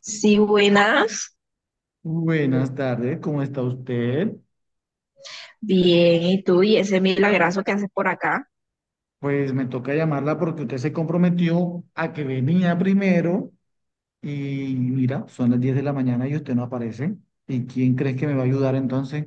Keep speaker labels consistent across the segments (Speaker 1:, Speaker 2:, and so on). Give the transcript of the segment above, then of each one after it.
Speaker 1: Sí, buenas.
Speaker 2: Buenas tardes, ¿cómo está usted?
Speaker 1: Bien, ¿y tú? ¿Y ese milagrazo que haces por acá?
Speaker 2: Pues me toca llamarla porque usted se comprometió a que venía primero y mira, son las 10 de la mañana y usted no aparece. ¿Y quién crees que me va a ayudar entonces?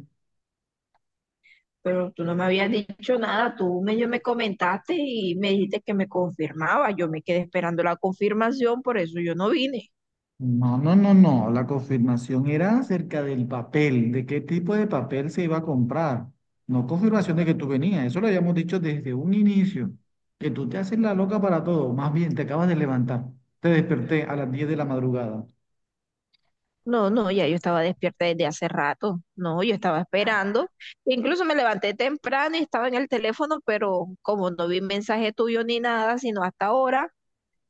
Speaker 1: Pero tú no me habías dicho nada, tú medio me comentaste y me dijiste que me confirmaba. Yo me quedé esperando la confirmación, por eso yo no vine.
Speaker 2: No, no, no, no, la confirmación era acerca del papel, de qué tipo de papel se iba a comprar, no confirmación de que tú venías, eso lo habíamos dicho desde un inicio, que tú te haces la loca para todo, más bien te acabas de levantar, te desperté a las 10 de la madrugada.
Speaker 1: No, no, ya yo estaba despierta desde hace rato. No, yo estaba esperando. Incluso me levanté temprano y estaba en el teléfono, pero como no vi mensaje tuyo ni nada, sino hasta ahora,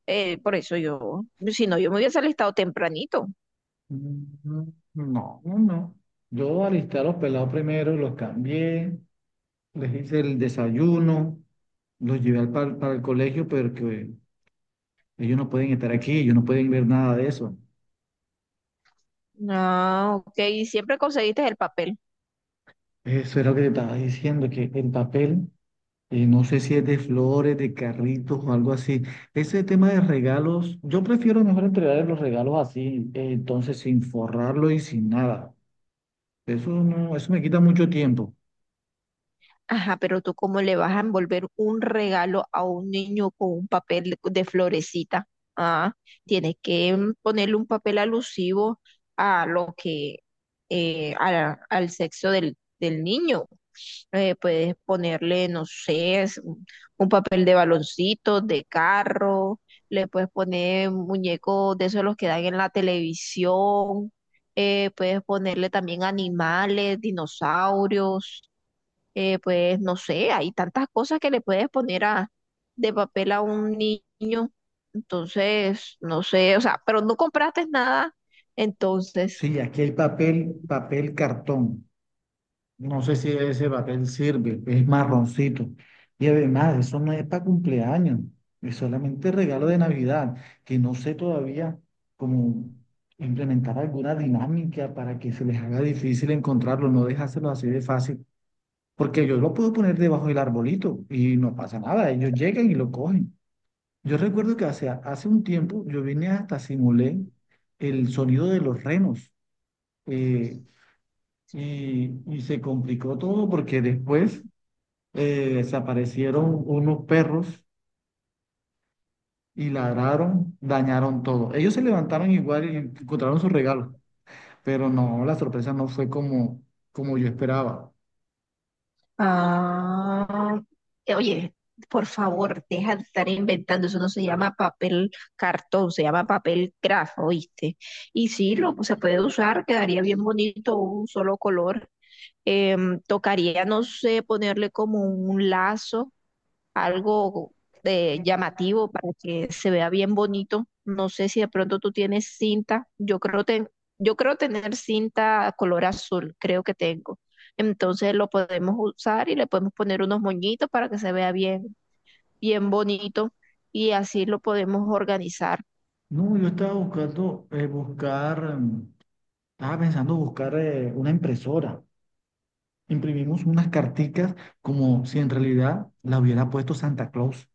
Speaker 1: por eso yo, si no, yo me hubiese alistado tempranito.
Speaker 2: Mm, No, no, no. Yo alisté a los pelados primero, los cambié, les hice el desayuno, los llevé para el colegio, pero que ellos no pueden estar aquí, ellos no pueden ver nada de eso.
Speaker 1: No, ok, ¿y siempre conseguiste el papel?
Speaker 2: Eso era lo que te estaba diciendo, que el papel, no sé si es de flores, de carritos o algo así. Ese tema de regalos, yo prefiero mejor entregar los regalos así, entonces sin forrarlo y sin nada. Eso no, eso me quita mucho tiempo.
Speaker 1: Ajá, pero tú cómo le vas a envolver un regalo a un niño con un papel de florecita. Ah, Tienes que ponerle un papel alusivo a lo que, a al sexo del, del niño. Puedes ponerle, no sé, es un papel de baloncito, de carro, le puedes poner muñecos de esos los que dan en la televisión, puedes ponerle también animales, dinosaurios, pues no sé, hay tantas cosas que le puedes poner a, de papel a un niño. Entonces, no sé, o sea, pero no compraste nada. Entonces,
Speaker 2: Sí, aquí hay papel, papel cartón. No sé si ese papel sirve, es marroncito. Y además, eso no es para cumpleaños, es solamente regalo de Navidad, que no sé todavía cómo implementar alguna dinámica para que se les haga difícil encontrarlo, no dejárselo así de fácil, porque yo lo puedo poner debajo del arbolito y no pasa nada, ellos llegan y lo cogen. Yo recuerdo que hace un tiempo yo vine hasta simulé el sonido de los renos. Eh, y se complicó todo porque después desaparecieron unos perros y ladraron, dañaron todo. Ellos se levantaron igual y encontraron sus regalos, pero no, la sorpresa no fue como yo esperaba.
Speaker 1: Ah, oye, por favor, deja de estar inventando. Eso no se llama papel cartón, se llama papel craft, ¿oíste? Y sí, lo, se puede usar, quedaría bien bonito un solo color. Tocaría, no sé, ponerle como un lazo algo de llamativo para que se vea bien bonito. No sé si de pronto tú tienes cinta. Yo creo tener cinta color azul, creo que tengo. Entonces lo podemos usar y le podemos poner unos moñitos para que se vea bien, bien bonito y así lo podemos organizar.
Speaker 2: No, yo estaba buscar, estaba pensando buscar una impresora. Imprimimos unas carticas como si en realidad la hubiera puesto Santa Claus.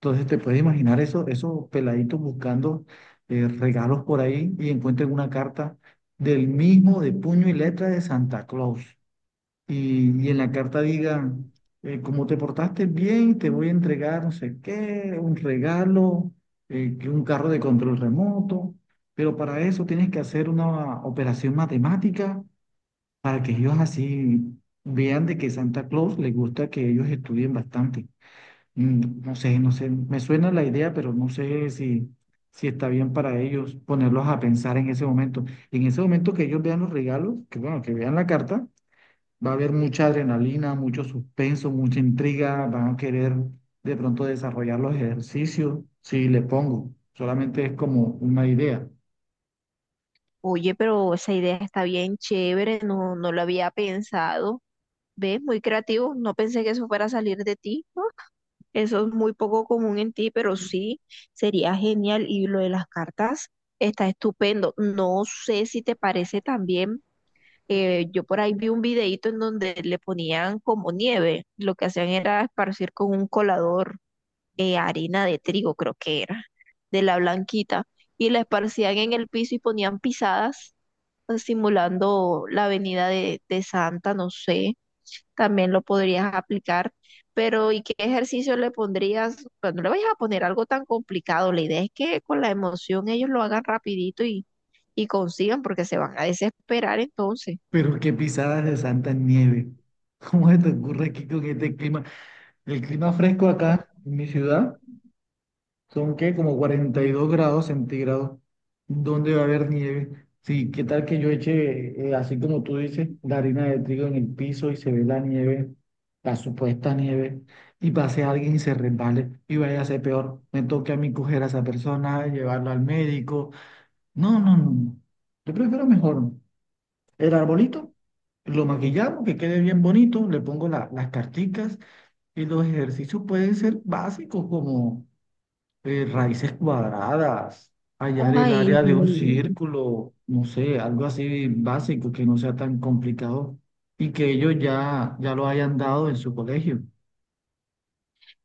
Speaker 2: Entonces te puedes imaginar eso, esos peladitos buscando regalos por ahí y encuentran una carta del mismo de puño y letra de Santa Claus. Y en la carta diga, como te portaste bien, te voy a entregar no sé qué, un regalo, que un carro de control remoto, pero para eso tienes que hacer una operación matemática para que ellos así vean de que Santa Claus les gusta que ellos estudien bastante. No sé, no sé, me suena la idea, pero no sé si, si está bien para ellos ponerlos a pensar en ese momento. En ese momento que ellos vean los regalos, que bueno, que vean la carta, va a haber mucha adrenalina, mucho suspenso, mucha intriga, van a querer de pronto desarrollar los ejercicios, si le pongo, solamente es como una idea.
Speaker 1: Oye, pero esa idea está bien chévere, no, no lo había pensado. ¿Ves? Muy creativo. No pensé que eso fuera a salir de ti. Eso es muy poco común en ti, pero sí, sería genial. Y lo de las cartas está estupendo. No sé si te parece también, yo por ahí vi un videíto en donde le ponían como nieve. Lo que hacían era esparcir con un colador harina de trigo, creo que era, de la blanquita, y la esparcían en el piso y ponían pisadas, simulando la avenida de Santa, no sé, también lo podrías aplicar. Pero, ¿y qué ejercicio le pondrías? Pues no le vayas a poner algo tan complicado. La idea es que con la emoción ellos lo hagan rapidito y consigan, porque se van a desesperar entonces.
Speaker 2: Pero qué pisadas de santa nieve. ¿Cómo se te ocurre aquí con este clima? El clima fresco acá en mi ciudad. Son que como 42 grados centígrados, dónde va a haber nieve. Sí, ¿qué tal que yo eche así como tú dices, la harina de trigo en el piso y se ve la nieve, la supuesta nieve, y pase alguien y se resbale y vaya a ser peor? Me toque a mí coger a esa persona, llevarla al médico. No, no, no. no. Yo prefiero mejor el arbolito, lo maquillamos, que quede bien bonito, le pongo las carticas y los ejercicios pueden ser básicos como raíces cuadradas, hallar el
Speaker 1: Ay,
Speaker 2: área de un
Speaker 1: no.
Speaker 2: círculo, no sé, algo así básico que no sea tan complicado y que ellos ya lo hayan dado en su colegio.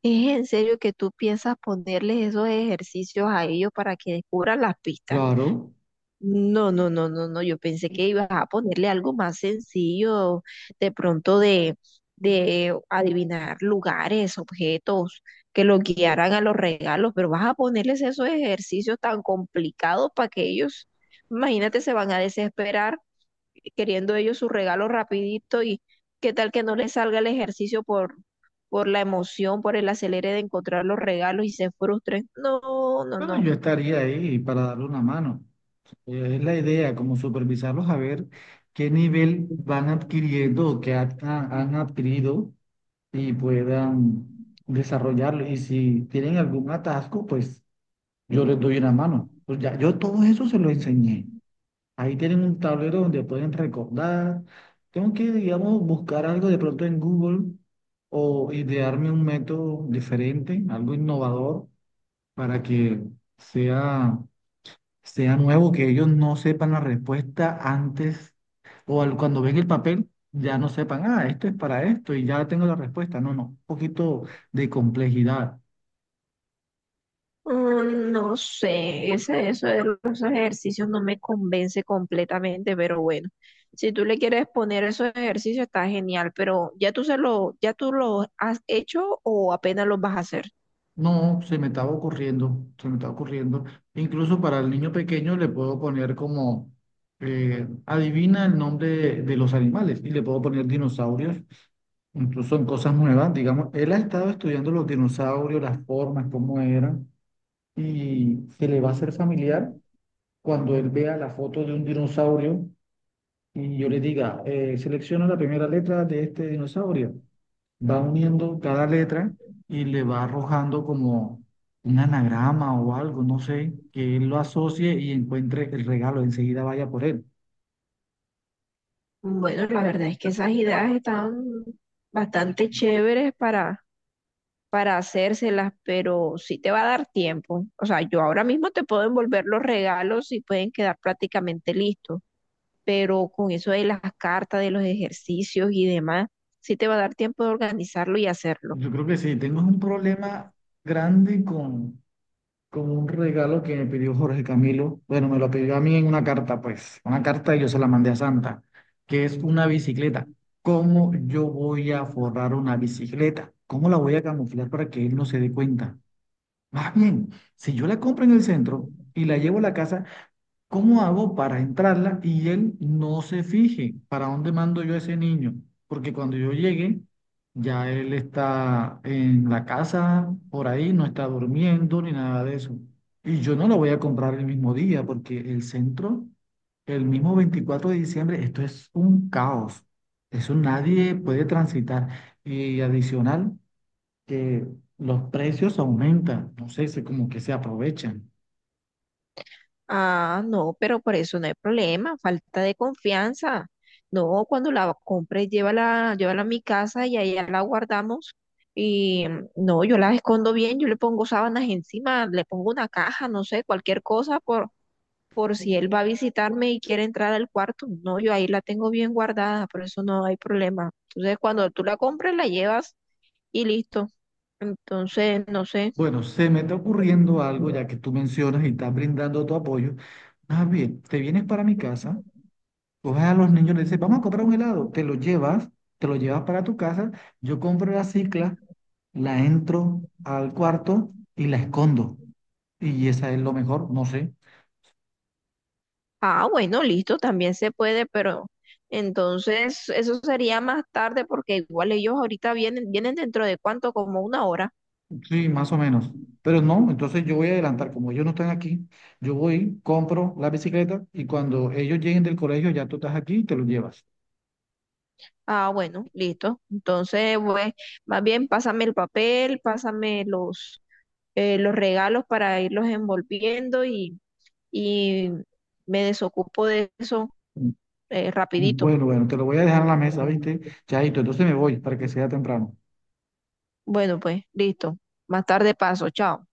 Speaker 1: ¿Es en serio que tú piensas ponerles esos ejercicios a ellos para que descubran las pistas?
Speaker 2: Claro,
Speaker 1: No, no, no, no, no. Yo pensé que ibas a ponerle algo más sencillo, de pronto de adivinar lugares, objetos, que lo guiaran a los regalos, pero vas a ponerles esos ejercicios tan complicados para que ellos, imagínate, se van a desesperar queriendo ellos su regalo rapidito y qué tal que no les salga el ejercicio por la emoción, por el acelere de encontrar los regalos y se frustren. No, no,
Speaker 2: pero
Speaker 1: no.
Speaker 2: yo estaría ahí para darle una mano. Es la idea, como supervisarlos a ver qué nivel van adquiriendo o han adquirido y puedan desarrollarlo. Y si tienen algún atasco, pues yo les doy una mano. Pues ya, yo todo eso se lo enseñé. Ahí tienen un tablero donde pueden recordar. Tengo que, digamos, buscar algo de pronto en Google o idearme un método diferente, algo innovador, para que sea, sea nuevo, que ellos no sepan la respuesta antes o cuando ven el papel, ya no sepan, ah, esto es para esto y ya tengo la respuesta. No, no, un poquito de complejidad.
Speaker 1: No sé, ese, eso de los ejercicios no me convence completamente, pero bueno, si tú le quieres poner esos ejercicios está genial, pero ¿ya tú se lo, ya tú los has hecho o apenas los vas a hacer?
Speaker 2: No, se me estaba ocurriendo. Incluso para el niño pequeño le puedo poner adivina el nombre de los animales y le puedo poner dinosaurios. Incluso son cosas nuevas, digamos, él ha estado estudiando los dinosaurios, las formas, cómo eran, y se le va a hacer familiar cuando él vea la foto de un dinosaurio y yo le diga, selecciona la primera letra de este dinosaurio va uniendo cada letra y le va arrojando como un anagrama o algo, no sé, que él lo asocie y encuentre el regalo, enseguida vaya por él.
Speaker 1: Bueno, la verdad es que esas ideas están bastante chéveres para hacérselas, pero sí te va a dar tiempo. O sea, yo ahora mismo te puedo envolver los regalos y pueden quedar prácticamente listos, pero con eso de las cartas, de los ejercicios y demás, sí te va a dar tiempo de organizarlo y hacerlo.
Speaker 2: Yo creo que sí, tengo un problema grande con un regalo que me pidió Jorge Camilo. Bueno, me lo pidió a mí en una carta, pues, una carta y yo se la mandé a Santa, que es una bicicleta. ¿Cómo yo voy a forrar una bicicleta? ¿Cómo la voy a camuflar para que él no se dé cuenta? Más bien, si yo la compro en el centro y la llevo a la casa, ¿cómo hago para entrarla y él no se fije para dónde mando yo a ese niño? Porque cuando yo llegue, ya él está en la casa, por ahí, no está durmiendo ni nada de eso. Y yo no lo voy a comprar el mismo día porque el mismo 24 de diciembre, esto es un caos. Eso nadie puede transitar. Y adicional que los precios aumentan, no sé, se como que se aprovechan.
Speaker 1: Ah, no, pero por eso no hay problema, falta de confianza. No, cuando la compres, llévala, llévala a mi casa y allá la guardamos. Y no, yo la escondo bien, yo le pongo sábanas encima, le pongo una caja, no sé, cualquier cosa por si él va a visitarme y quiere entrar al cuarto. No, yo ahí la tengo bien guardada, por eso no hay problema. Entonces, cuando tú la compres, la llevas y listo. Entonces, no sé.
Speaker 2: Bueno, se me está ocurriendo algo, ya que tú mencionas y estás brindando tu apoyo. Más bien, te vienes para mi casa, coges a los niños, le dices, vamos a comprar un helado, te lo llevas para tu casa, yo compro la cicla, la entro al cuarto y la escondo. Y esa es lo mejor, no sé.
Speaker 1: Ah, bueno, listo, también se puede, pero entonces eso sería más tarde porque igual ellos ahorita vienen, vienen dentro de cuánto, como una hora.
Speaker 2: Sí, más o menos. Pero no, entonces yo voy a adelantar, como ellos no están aquí, yo voy, compro la bicicleta y cuando ellos lleguen del colegio ya tú estás aquí y te lo llevas.
Speaker 1: Ah, bueno, listo. Entonces, pues, más bien pásame el papel, pásame los regalos para irlos envolviendo y me desocupo de eso, rapidito.
Speaker 2: Bueno, bueno, te lo voy a dejar en la mesa, ¿viste? Chaito, entonces me voy para que sea temprano.
Speaker 1: Bueno, pues, listo. Más tarde paso, chao.